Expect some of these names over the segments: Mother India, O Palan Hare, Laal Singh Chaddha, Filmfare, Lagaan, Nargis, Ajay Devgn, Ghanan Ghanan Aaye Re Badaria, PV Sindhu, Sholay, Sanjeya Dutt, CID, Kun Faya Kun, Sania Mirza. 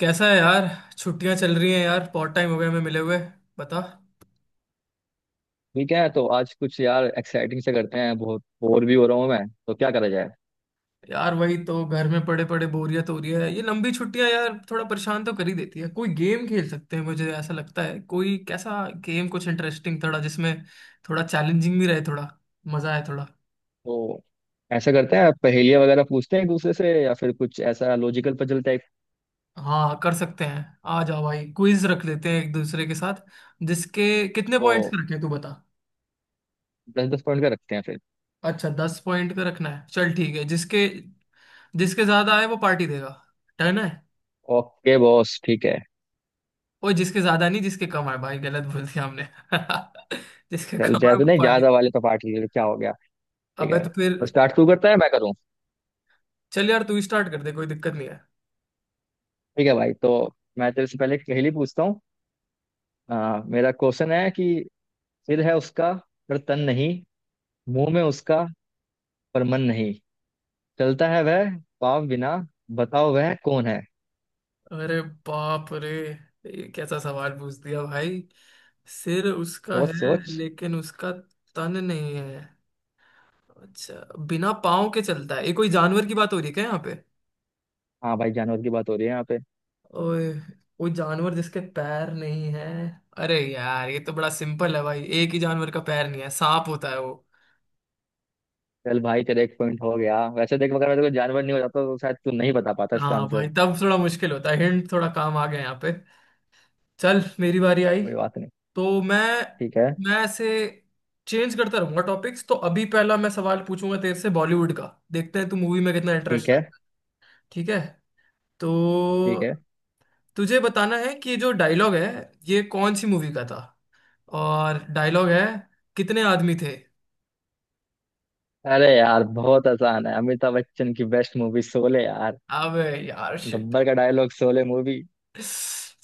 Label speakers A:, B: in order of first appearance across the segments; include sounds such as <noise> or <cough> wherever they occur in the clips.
A: कैसा है यार। छुट्टियां चल रही हैं यार। बहुत टाइम हो गया हमें मिले हुए। बता।
B: ठीक है। तो आज कुछ यार एक्साइटिंग से करते हैं, बहुत बोर भी हो रहा हूँ मैं, तो क्या करा जाए।
A: यार वही तो घर में पड़े पड़े बोरियत हो रही है। ये लंबी छुट्टियां यार थोड़ा परेशान तो कर ही देती है। कोई गेम खेल सकते हैं मुझे ऐसा लगता है। कोई कैसा गेम, कुछ इंटरेस्टिंग थोड़ा जिसमें थोड़ा चैलेंजिंग भी रहे, थोड़ा मजा आए थोड़ा।
B: तो ऐसा करते हैं, पहेलियां वगैरह पूछते हैं एक दूसरे से, या फिर कुछ ऐसा लॉजिकल पजल टाइप।
A: हाँ कर सकते हैं। आ जाओ भाई क्विज रख लेते हैं एक दूसरे के साथ। जिसके कितने पॉइंट्स
B: तो
A: का रखें तू बता।
B: दस दस पॉइंट का रखते हैं फिर।
A: अच्छा दस पॉइंट का रखना है, चल ठीक है। जिसके जिसके ज्यादा आए वो पार्टी देगा। डन है।
B: ओके बॉस, ठीक है।
A: वो जिसके ज्यादा नहीं, जिसके कम है भाई, गलत बोल दिया हमने। <laughs> जिसके
B: चल,
A: कम है
B: जैसे
A: वो
B: नहीं,
A: पार्टी।
B: ज्यादा वाले तो पार्टी ले लो, क्या हो गया। ठीक
A: अबे
B: है।
A: तो फिर।
B: तो स्टार्ट तू करता है मैं करूँ?
A: चल यार तू स्टार्ट कर दे, कोई दिक्कत नहीं है।
B: ठीक है भाई। तो मैं तेरे से पहले एक पहेली पूछता हूँ। मेरा क्वेश्चन है कि सिर है उसका पर तन नहीं, मुंह में उसका पर मन नहीं, चलता है वह पाप बिना, बताओ वह कौन है?
A: अरे बाप रे, ये कैसा सवाल पूछ दिया भाई। सिर उसका है
B: सोच सोच।
A: लेकिन उसका तन नहीं है। अच्छा। बिना पाँव के चलता है, ये कोई जानवर की बात हो रही है क्या यहाँ पे?
B: हाँ भाई, जानवर की बात हो रही है यहाँ पे।
A: ओए। कोई जानवर जिसके पैर नहीं है। अरे यार ये तो बड़ा सिंपल है भाई। एक ही जानवर का पैर नहीं है, सांप होता है।
B: चल भाई, तेरा एक पॉइंट हो गया। वैसे देख, अगर कोई जानवर नहीं हो जाता तो शायद तू नहीं बता पाता इसका
A: हाँ
B: आंसर।
A: भाई तब थोड़ा मुश्किल होता है। हिंट थोड़ा काम आ गया यहाँ पे। चल मेरी बारी आई।
B: कोई बात नहीं।
A: तो मैं
B: ठीक है।
A: मैं ऐसे चेंज करता रहूंगा टॉपिक्स। तो अभी पहला मैं सवाल पूछूंगा तेरे से बॉलीवुड का। देखते हैं तू मूवी में कितना
B: ठीक
A: इंटरेस्ट।
B: है।
A: ठीक है, तो
B: ठीक है।
A: तुझे बताना है कि जो डायलॉग है ये कौन सी मूवी का था। और डायलॉग है, कितने आदमी थे।
B: अरे यार, बहुत आसान है, अमिताभ बच्चन की बेस्ट मूवी शोले यार।
A: अबे यार।
B: गब्बर का डायलॉग, शोले मूवी।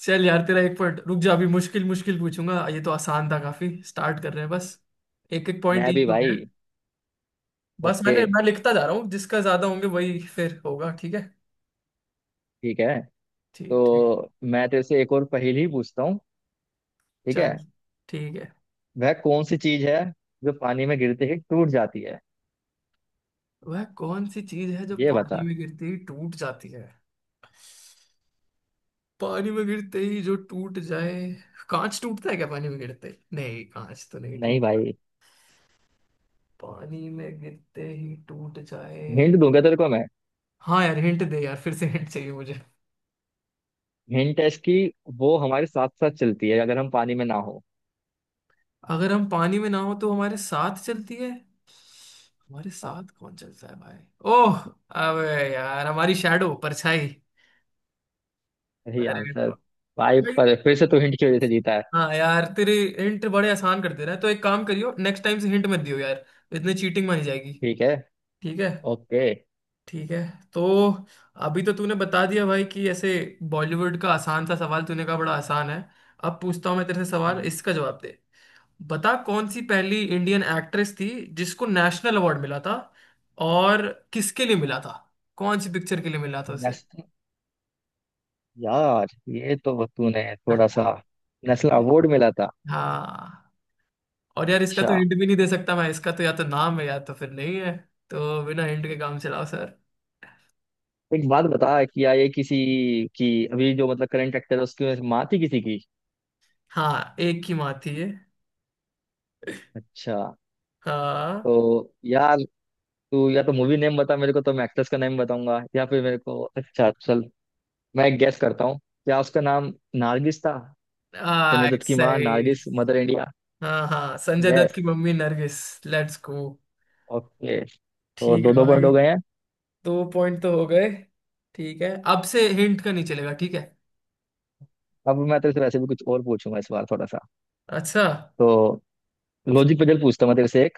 A: चल यार तेरा एक पॉइंट। रुक जा, अभी मुश्किल मुश्किल पूछूंगा। ये तो आसान था, काफी स्टार्ट कर रहे हैं बस। एक एक पॉइंट
B: मैं भी
A: ईच हो गए।
B: भाई।
A: बस
B: ओके।
A: मैं लिखता जा रहा हूँ, जिसका ज्यादा होंगे वही फिर होगा ठीक है।
B: ठीक है।
A: ठीक ठीक।
B: तो मैं तेरे से एक और पहेली पूछता हूँ, ठीक
A: चल
B: है।
A: ठीक है।
B: वह कौन सी चीज है जो पानी में गिरते ही टूट जाती है?
A: वह कौन सी चीज है जो
B: ये बता।
A: पानी में गिरते ही टूट जाती है? पानी में गिरते ही जो टूट जाए। कांच टूटता है क्या पानी में गिरते ही? नहीं कांच तो नहीं
B: नहीं
A: टूटता।
B: भाई।
A: पानी में गिरते ही टूट जाए।
B: हिंट दूंगा तेरे को मैं।
A: हाँ यार हिंट दे यार, फिर से हिंट चाहिए मुझे।
B: हिंट है इसकी, वो हमारे साथ साथ चलती है अगर हम पानी में ना हो।
A: अगर हम पानी में ना हो तो हमारे साथ चलती है। हमारे
B: हाँ,
A: साथ कौन चलता है भाई? ओह। अबे। यार हमारी शैडो, परछाई।
B: सही
A: अरे
B: आंसर। भाई,
A: भाई,
B: पर फिर से तू हिंट की वजह से जीता है।
A: हाँ यार तेरे हिंट बड़े आसान कर दे रहा है, तो एक काम करियो नेक्स्ट टाइम से हिंट मत दियो यार। इतनी चीटिंग मानी जाएगी।
B: ठीक है।
A: ठीक है।
B: ओके।
A: ठीक है। तो अभी तो तूने बता दिया भाई कि ऐसे बॉलीवुड का आसान सा सवाल, तूने कहा बड़ा आसान है। अब पूछता हूँ मैं तेरे से सवाल, इसका जवाब दे। बता कौन सी पहली इंडियन एक्ट्रेस थी जिसको नेशनल अवार्ड मिला था, और किसके लिए मिला था, कौन सी पिक्चर के लिए मिला था उसे।
B: नेशनल? यार ये तो तूने थोड़ा सा, नेशनल अवार्ड मिला था।
A: हाँ। और यार इसका तो
B: अच्छा।
A: हिंट भी नहीं दे सकता मैं। इसका तो या तो नाम है या तो फिर नहीं है। तो बिना हिंट के काम चलाओ सर।
B: एक बात बता, क्या ये किसी की अभी जो मतलब करंट एक्टर है उसकी माँ थी किसी की?
A: हाँ एक ही माँ थी ये।
B: अच्छा।
A: हाँ।
B: तो यार, तू या तो मूवी नेम बता मेरे को तो मैं एक्ट्रेस का नेम बताऊंगा, या फिर मेरे को, अच्छा चल, मैं एक गेस करता हूँ। क्या उसका नाम नारगिस था? संजय
A: आ,
B: दत्त की माँ
A: सही।
B: नारगिस, मदर इंडिया।
A: हाँ हाँ, संजय दत्त
B: यस।
A: की मम्मी नरगिस। Let's go.
B: ओके, तो
A: ठीक है
B: दो दो पॉइंट
A: भाई।
B: हो गए हैं।
A: दो पॉइंट तो हो गए। ठीक है, अब से हिंट का नहीं चलेगा ठीक है।
B: अब मैं तेरे से वैसे भी कुछ और पूछूंगा इस बार, थोड़ा सा।
A: अच्छा।
B: तो लॉजिक पजल पूछता हूँ मैं तेरे से एक,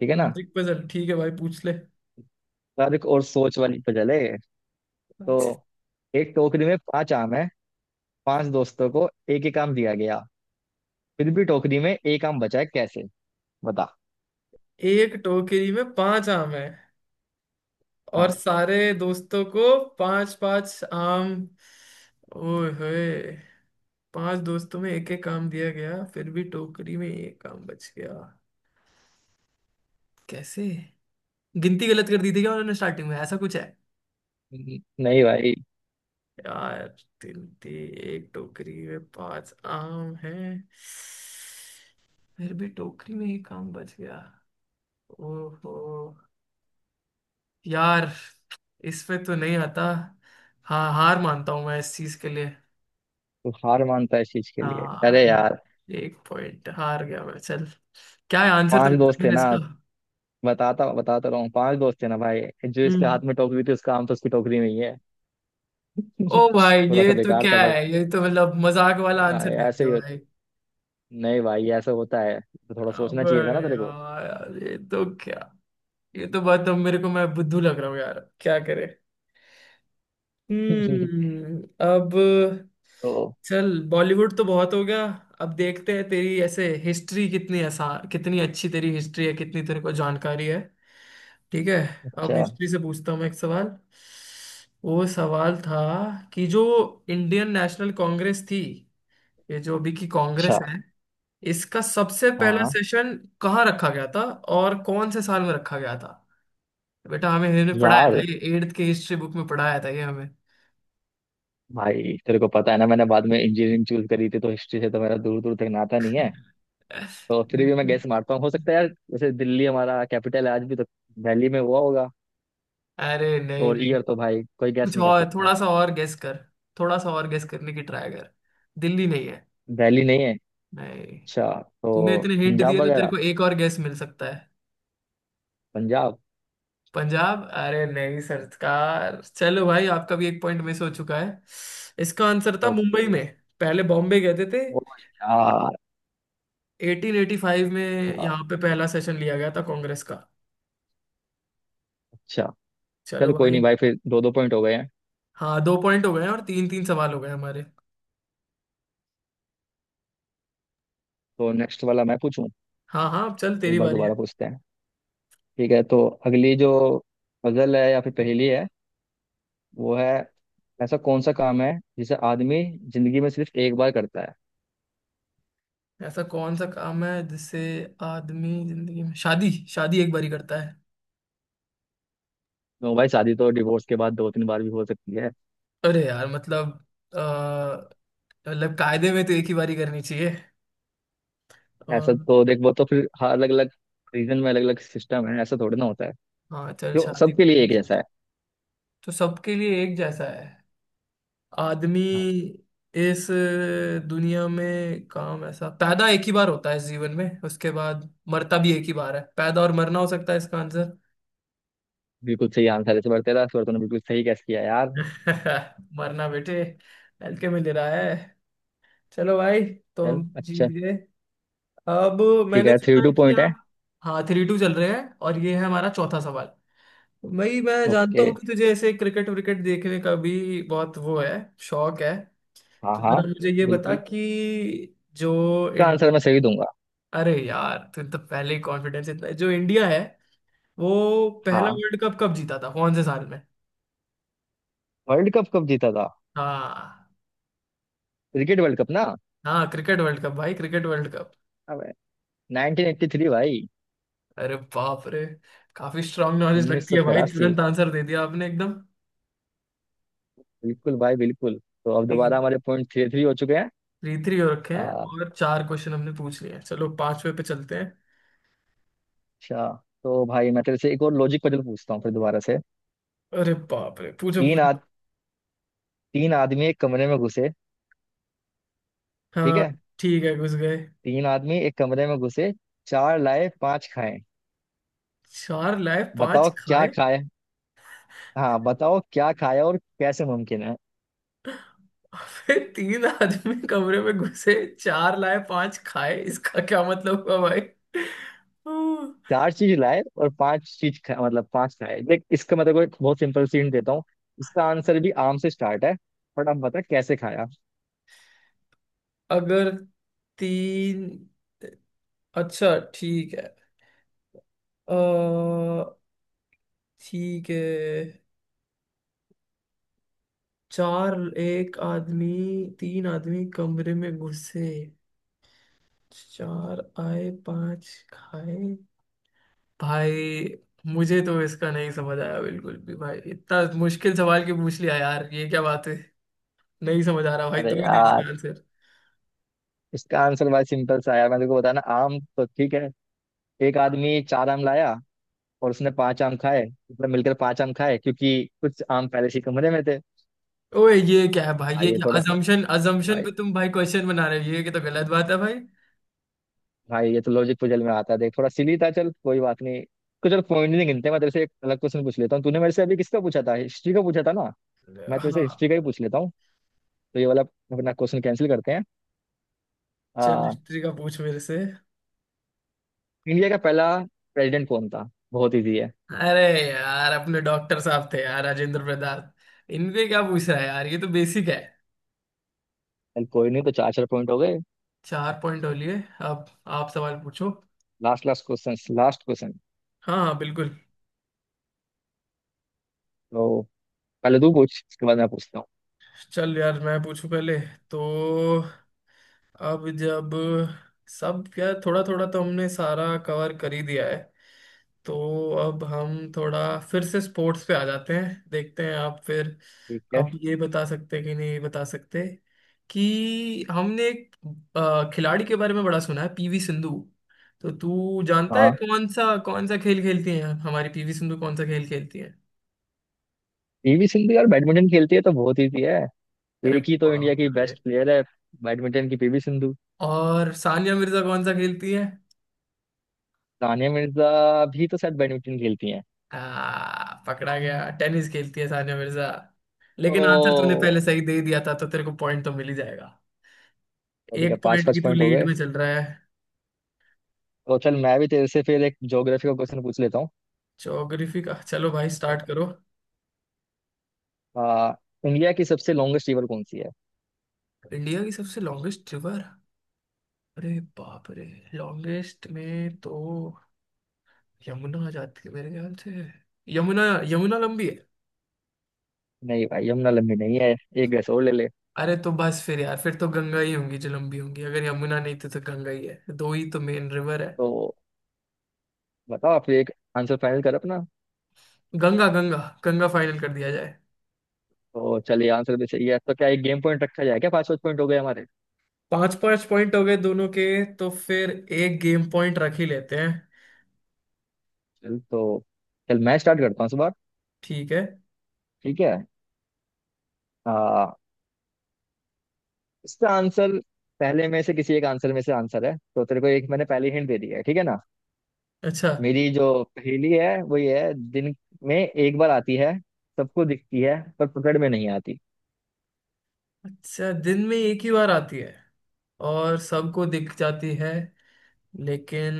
B: ठीक है ना?
A: लॉजिक पजल ठीक है भाई, पूछ ले।
B: यार एक और सोच वाली पजल है ये।
A: अच्छा,
B: तो एक टोकरी में पांच आम है, पांच दोस्तों को एक एक आम दिया गया, फिर भी टोकरी में एक आम बचा है, कैसे? बता।
A: एक टोकरी में पांच आम है और
B: हाँ।
A: सारे दोस्तों को पांच पांच आम। ओए होए। पांच दोस्तों में एक एक आम दिया गया फिर भी टोकरी में एक आम बच गया कैसे? गिनती गलत कर दी थी क्या उन्होंने स्टार्टिंग में, ऐसा कुछ?
B: नहीं भाई।
A: यार तिल थी। एक टोकरी में पांच आम है फिर भी टोकरी में एक आम बच गया। ओहो। यार इस पे तो नहीं आता। हाँ हार मानता हूँ मैं इस चीज के लिए।
B: तू हार मानता है इस चीज के लिए?
A: हाँ
B: अरे
A: एक,
B: यार।
A: एक पॉइंट हार गया मैं, चल। क्या है आंसर तो
B: पांच दोस्त
A: बता
B: थे
A: दे
B: ना,
A: इसका।
B: बताता बताता रहा हूँ, पांच दोस्त थे ना भाई। जो इसके
A: हम्म।
B: हाथ में टोकरी थी उसका आम तो उसकी टोकरी में ही है।
A: ओ
B: <laughs>
A: भाई
B: थोड़ा सा
A: ये तो
B: बेकार
A: क्या
B: था बट।
A: है? ये तो मतलब मजाक वाला आंसर दे
B: ऐसे
A: दिया
B: ही हो-
A: भाई।
B: नहीं भाई, ऐसा होता है तो थोड़ा
A: अब
B: सोचना चाहिए था ना तेरे को।
A: यार ये तो क्या, ये तो बात, अब मेरे को मैं बुद्धू लग रहा हूँ यार क्या करे।
B: <laughs>
A: हम्म। अब
B: तो
A: चल, बॉलीवुड तो बहुत हो गया। अब देखते हैं तेरी ऐसे हिस्ट्री कितनी आसान, कितनी अच्छी तेरी हिस्ट्री है, कितनी तेरे को जानकारी है। ठीक है। अब
B: अच्छा।
A: हिस्ट्री से पूछता हूँ मैं एक सवाल। वो सवाल था कि जो इंडियन नेशनल कांग्रेस थी, ये जो अभी की कांग्रेस
B: अच्छा।
A: है, इसका सबसे पहला
B: हाँ
A: सेशन कहाँ रखा गया था और कौन से साल में रखा गया था? बेटा हमें, हमने पढ़ाया था,
B: यार।
A: ये एट्थ के हिस्ट्री बुक में पढ़ाया था ये हमें।
B: भाई तेरे को पता है ना मैंने बाद में इंजीनियरिंग चूज करी थी, तो हिस्ट्री से तो मेरा दूर दूर तक नाता नहीं है। तो फिर भी मैं
A: <laughs>
B: गैस मारता हूँ। हो सकता है यार, जैसे दिल्ली हमारा कैपिटल है आज भी तो, दिल्ली में हुआ होगा।
A: अरे नहीं
B: और
A: नहीं।
B: ईयर तो भाई कोई गैस
A: कुछ
B: नहीं कर
A: और,
B: सकता।
A: थोड़ा सा और गेस कर। थोड़ा सा और गेस करने की ट्राई कर। दिल्ली नहीं है।
B: दिल्ली नहीं है?
A: नहीं।
B: अच्छा। तो
A: तूने इतने हिंट
B: पंजाब
A: दिए तो तेरे
B: वगैरह।
A: को एक और गेस मिल सकता है।
B: पंजाब।
A: पंजाब अरे नहीं सरकार। चलो भाई, आपका भी एक पॉइंट मिस हो चुका है। इसका आंसर था मुंबई
B: ओके।
A: में। पहले बॉम्बे गए थे।
B: ओ यार।
A: 1885 में यहाँ पे पहला सेशन लिया गया था कांग्रेस का।
B: अच्छा,
A: चलो
B: चल कोई
A: भाई।
B: नहीं भाई, फिर दो दो पॉइंट हो गए हैं।
A: हाँ दो पॉइंट हो गए हैं और तीन तीन सवाल हो गए हमारे।
B: तो नेक्स्ट वाला मैं पूछूं।
A: हाँ हाँ, अब चल
B: एक
A: तेरी
B: बार
A: बारी
B: दोबारा
A: है।
B: पूछते हैं। ठीक है, तो अगली जो पजल है या फिर पहेली है वो है, ऐसा कौन सा काम है जिसे आदमी जिंदगी में सिर्फ एक बार करता है?
A: ऐसा कौन सा काम है जिससे आदमी जिंदगी में शादी शादी एक बारी करता है?
B: तो भाई, शादी तो डिवोर्स के बाद दो तीन बार भी हो सकती है।
A: अरे यार मतलब, अ, मतलब कायदे में तो एक ही बारी करनी चाहिए। अ,
B: ऐसा तो देख, वो तो फिर अलग अलग रीजन में अलग अलग सिस्टम है, ऐसा थोड़ी ना होता है
A: हाँ चल
B: जो
A: शादी
B: सबके लिए एक जैसा है।
A: तो सबके लिए एक जैसा है। आदमी
B: हाँ,
A: इस दुनिया में, काम ऐसा, पैदा एक ही बार होता है इस जीवन में, उसके बाद मरता भी एक ही बार है। पैदा और मरना हो सकता है इसका आंसर।
B: बिल्कुल सही आंसर है इस बार तेरा, इस बार तूने बिल्कुल सही गैस किया यार।
A: <laughs> मरना बेटे हल्के में ले रहा है। चलो भाई, तो
B: चल
A: हम जीत
B: अच्छा।
A: गए। अब
B: ठीक
A: मैंने
B: है, थ्री
A: सुना
B: टू
A: है कि
B: पॉइंट है।
A: आप। हाँ थ्री टू चल रहे हैं और ये है हमारा चौथा सवाल। भाई मैं जानता
B: ओके।
A: हूँ कि तुझे ऐसे क्रिकेट विकेट देखने का भी बहुत वो है, शौक है।
B: हाँ
A: तो
B: हाँ
A: जरा मुझे ये बता
B: बिल्कुल,
A: कि जो
B: इसका आंसर मैं
A: इंडिया,
B: सही दूंगा।
A: अरे यार तुम तो पहले ही कॉन्फिडेंस इतना। जो इंडिया है, वो पहला
B: हाँ।
A: वर्ल्ड कप कब जीता था, कौन से साल में?
B: वर्ल्ड कप कब जीता था?
A: हाँ
B: क्रिकेट वर्ल्ड कप ना?
A: हाँ क्रिकेट वर्ल्ड कप भाई, क्रिकेट वर्ल्ड कप।
B: अबे 1983 भाई।
A: अरे बाप रे, काफी स्ट्रांग नॉलेज लगती है भाई,
B: 1983,
A: तुरंत आंसर दे दिया आपने एकदम।
B: बिल्कुल भाई बिल्कुल। तो अब दोबारा हमारे पॉइंट थ्री थ्री हो चुके हैं।
A: थ्री थ्री हो रखे हैं
B: आ,
A: और चार क्वेश्चन हमने पूछ लिए हैं, चलो पांचवे पे चलते हैं।
B: अच्छा। तो भाई मैं तेरे से एक और लॉजिक पजल पूछता हूँ फिर दोबारा से।
A: अरे बाप रे पूछो
B: तीन
A: पूछो।
B: आद तीन आदमी एक कमरे में घुसे। ठीक
A: हाँ
B: है।
A: ठीक है, घुस गए।
B: तीन आदमी एक कमरे में घुसे, चार लाए पांच खाए,
A: चार लाए
B: बताओ
A: पांच
B: क्या
A: खाए।
B: खाए? हाँ, बताओ क्या खाया और कैसे मुमकिन है।
A: फिर तीन आदमी कमरे में घुसे, चार लाए पांच खाए, इसका क्या मतलब हुआ भाई? हम्म,
B: चार चीज लाए और पांच चीज खाए, मतलब पांच खाए। देख इसका मतलब, एक बहुत सिंपल सीन देता हूँ। इसका आंसर भी आम से स्टार्ट है, बट आप बता कैसे खाया।
A: अगर तीन, अच्छा ठीक है। अ, ठीक है। चार, एक आदमी, तीन आदमी कमरे में घुसे, चार आए पांच खाए। भाई मुझे तो इसका नहीं समझ आया बिल्कुल भी भाई, इतना मुश्किल सवाल क्यों पूछ लिया यार, ये क्या बात है? नहीं समझ आ रहा भाई,
B: अरे
A: तू ही दे इसका
B: यार,
A: आंसर।
B: इसका आंसर बड़ा सिंपल सा है यार, मैं तेरे को बताना, आम तो ठीक है। एक आदमी चार आम लाया और उसने पांच आम खाए, मतलब मिलकर पांच आम खाए क्योंकि कुछ आम पहले से ही कमरे में थे।
A: ओए ये क्या है भाई, ये
B: भाई ये
A: क्या
B: थोड़ा सी-
A: अजम्पशन अजम्पशन
B: भाई।
A: पे तुम भाई क्वेश्चन बना रहे हो? ये तो गलत बात है भाई।
B: भाई ये तो लॉजिक पजल में आता है, देख थोड़ा सिली था, चल कोई बात नहीं। कुछ और पॉइंट नहीं गिनते, मैं तेरे से एक अलग क्वेश्चन पूछ लेता हूँ। तूने मेरे से अभी किसका पूछा था, हिस्ट्री का पूछा था ना? मैं तेरे से
A: हाँ
B: हिस्ट्री का ही पूछ लेता हूँ। तो ये वाला अपना क्वेश्चन कैंसिल करते हैं।
A: चल,
B: आ,
A: हिस्ट्री का पूछ मेरे से।
B: इंडिया का पहला प्रेसिडेंट कौन था? बहुत इजी है।
A: अरे यार, अपने डॉक्टर साहब थे यार, राजेंद्र प्रसाद। इनपे क्या पूछ रहा है यार, ये तो बेसिक है।
B: चल कोई नहीं, तो चार चार पॉइंट हो गए।
A: चार पॉइंट हो लिए। अब आप सवाल पूछो।
B: Last last question, last question.
A: हाँ हाँ बिल्कुल।
B: तो पहले तू पूछ, उसके बाद मैं पूछता हूँ।
A: चल यार मैं पूछूं पहले। तो अब जब सब क्या, थोड़ा थोड़ा तो हमने सारा कवर कर ही दिया है। तो अब हम थोड़ा फिर से स्पोर्ट्स पे आ जाते हैं, देखते हैं आप फिर
B: ठीक है।
A: अब ये बता सकते हैं कि नहीं बता सकते। कि हमने एक खिलाड़ी के बारे में बड़ा सुना है, पीवी सिंधु। तो तू जानता है
B: हाँ,
A: कौन सा खेल खेलती हैं हमारी पीवी सिंधु, कौन सा खेल खेलती है?
B: पीवी सिंधु यार बैडमिंटन खेलती है, तो बहुत इजी है।
A: अरे
B: एक ही तो इंडिया
A: बाप
B: की
A: रे।
B: बेस्ट प्लेयर है, बैडमिंटन की पीवी सिंधु।
A: और सानिया मिर्जा कौन सा खेलती है?
B: सानिया मिर्जा भी तो शायद बैडमिंटन खेलती हैं।
A: आ, पकड़ा गया, टेनिस खेलती है सानिया मिर्जा। लेकिन आंसर तूने
B: ओ,
A: पहले सही दे दिया था तो तेरे को पॉइंट तो मिल ही जाएगा।
B: तो ठीक
A: एक
B: है, पाँच
A: पॉइंट
B: पाँच
A: की तू
B: पॉइंट हो
A: लीड
B: गए।
A: में चल रहा है।
B: तो चल, मैं भी तेरे से फिर एक ज्योग्राफी का क्वेश्चन पूछ लेता हूँ।
A: ज्योग्राफी का, चलो भाई स्टार्ट करो।
B: आ, इंडिया की सबसे लॉन्गेस्ट रिवर कौन सी है?
A: इंडिया की सबसे लॉन्गेस्ट रिवर। अरे बाप रे। लॉन्गेस्ट में तो यमुना आ जाती है मेरे ख्याल से। यमुना। यमुना लंबी है।
B: नहीं भाई, यमुना लंबी नहीं है, एक गैस और ले ले।
A: अरे तो बस फिर यार, फिर तो गंगा ही होंगी जो लंबी होंगी, अगर यमुना नहीं तो गंगा ही है, दो ही तो मेन रिवर है।
B: तो बताओ आप, एक आंसर फाइनल कर अपना।
A: गंगा गंगा। गंगा फाइनल कर दिया जाए।
B: तो चलिए, आंसर भी सही है, तो क्या एक गेम पॉइंट रखा जाए? क्या पाँच पाँच पॉइंट हो गए हमारे।
A: पांच पांच पॉइंट हो गए दोनों के। तो फिर एक गेम पॉइंट रख ही लेते हैं।
B: चल तो, चल मैं स्टार्ट करता हूँ इस बार।
A: ठीक है।
B: ठीक है। आ, इसका आंसर पहले में से किसी एक आंसर में से आंसर है, तो तेरे को एक मैंने पहले हिंट दे दी है, ठीक है ना।
A: अच्छा।
B: मेरी जो पहेली है वो ये है, दिन में एक बार आती है, सबको दिखती है पर पकड़ में नहीं आती।
A: अच्छा, दिन में एक ही बार आती है और सबको दिख जाती है लेकिन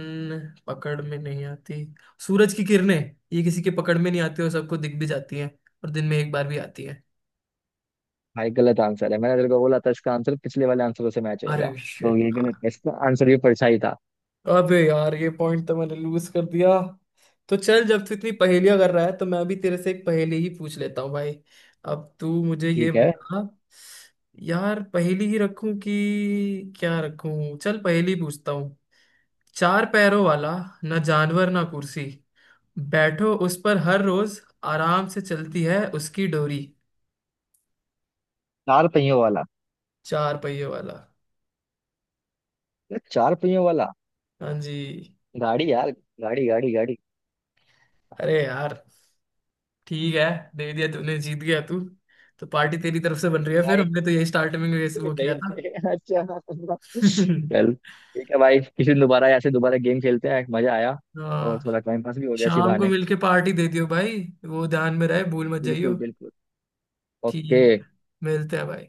A: पकड़ में नहीं आती। सूरज की किरणें। ये किसी के पकड़ में नहीं आती और सबको दिख भी जाती हैं, और दिन में एक बार भी आती है।
B: भाई गलत आंसर है, मैंने तेरे को बोला था इसका आंसर पिछले वाले आंसरों से मैच
A: अरे
B: होएगा। तो
A: शिट।
B: ये गलत है, इसका आंसर भी परछाई था।
A: अबे यार, ये पॉइंट तो मैंने लूज कर दिया। तो चल जब तू इतनी पहेलियां कर रहा है, तो मैं भी तेरे से एक पहेली ही पूछ लेता हूँ भाई। अब तू मुझे ये
B: ठीक है।
A: बता। यार पहेली ही रखूं कि क्या रखूं? चल पहेली पूछता हूँ। चार पैरों वाला, ना जानवर ना कुर्सी, बैठो उस पर हर रोज, आराम से चलती है उसकी डोरी।
B: चार पहियों वाला?
A: चार पहियों वाला।
B: अरे चार पहियों वाला,
A: हाँ जी।
B: गाड़ी यार, गाड़ी गाड़ी गाड़ी।
A: अरे यार ठीक है, दे दिया तूने, जीत गया तू। तो पार्टी तेरी तरफ से बन
B: ठीक
A: रही
B: है
A: है फिर,
B: भाई।
A: हमने तो यही स्टार्टिंग में वैसे
B: <laughs>
A: वो किया
B: नहीं
A: था।
B: नहीं, अच्छा। चल
A: <laughs>
B: ठीक है भाई, किसी दिन दोबारा ऐसे दोबारा गेम खेलते हैं, मजा आया। और
A: हाँ,
B: थोड़ा टाइम पास भी हो गया इसी
A: शाम को
B: बहाने।
A: मिलके पार्टी दे दियो भाई। वो ध्यान में रहे, भूल मत जाइयो।
B: बिल्कुल बिल्कुल। ओके।
A: ठीक है। मिलते हैं भाई।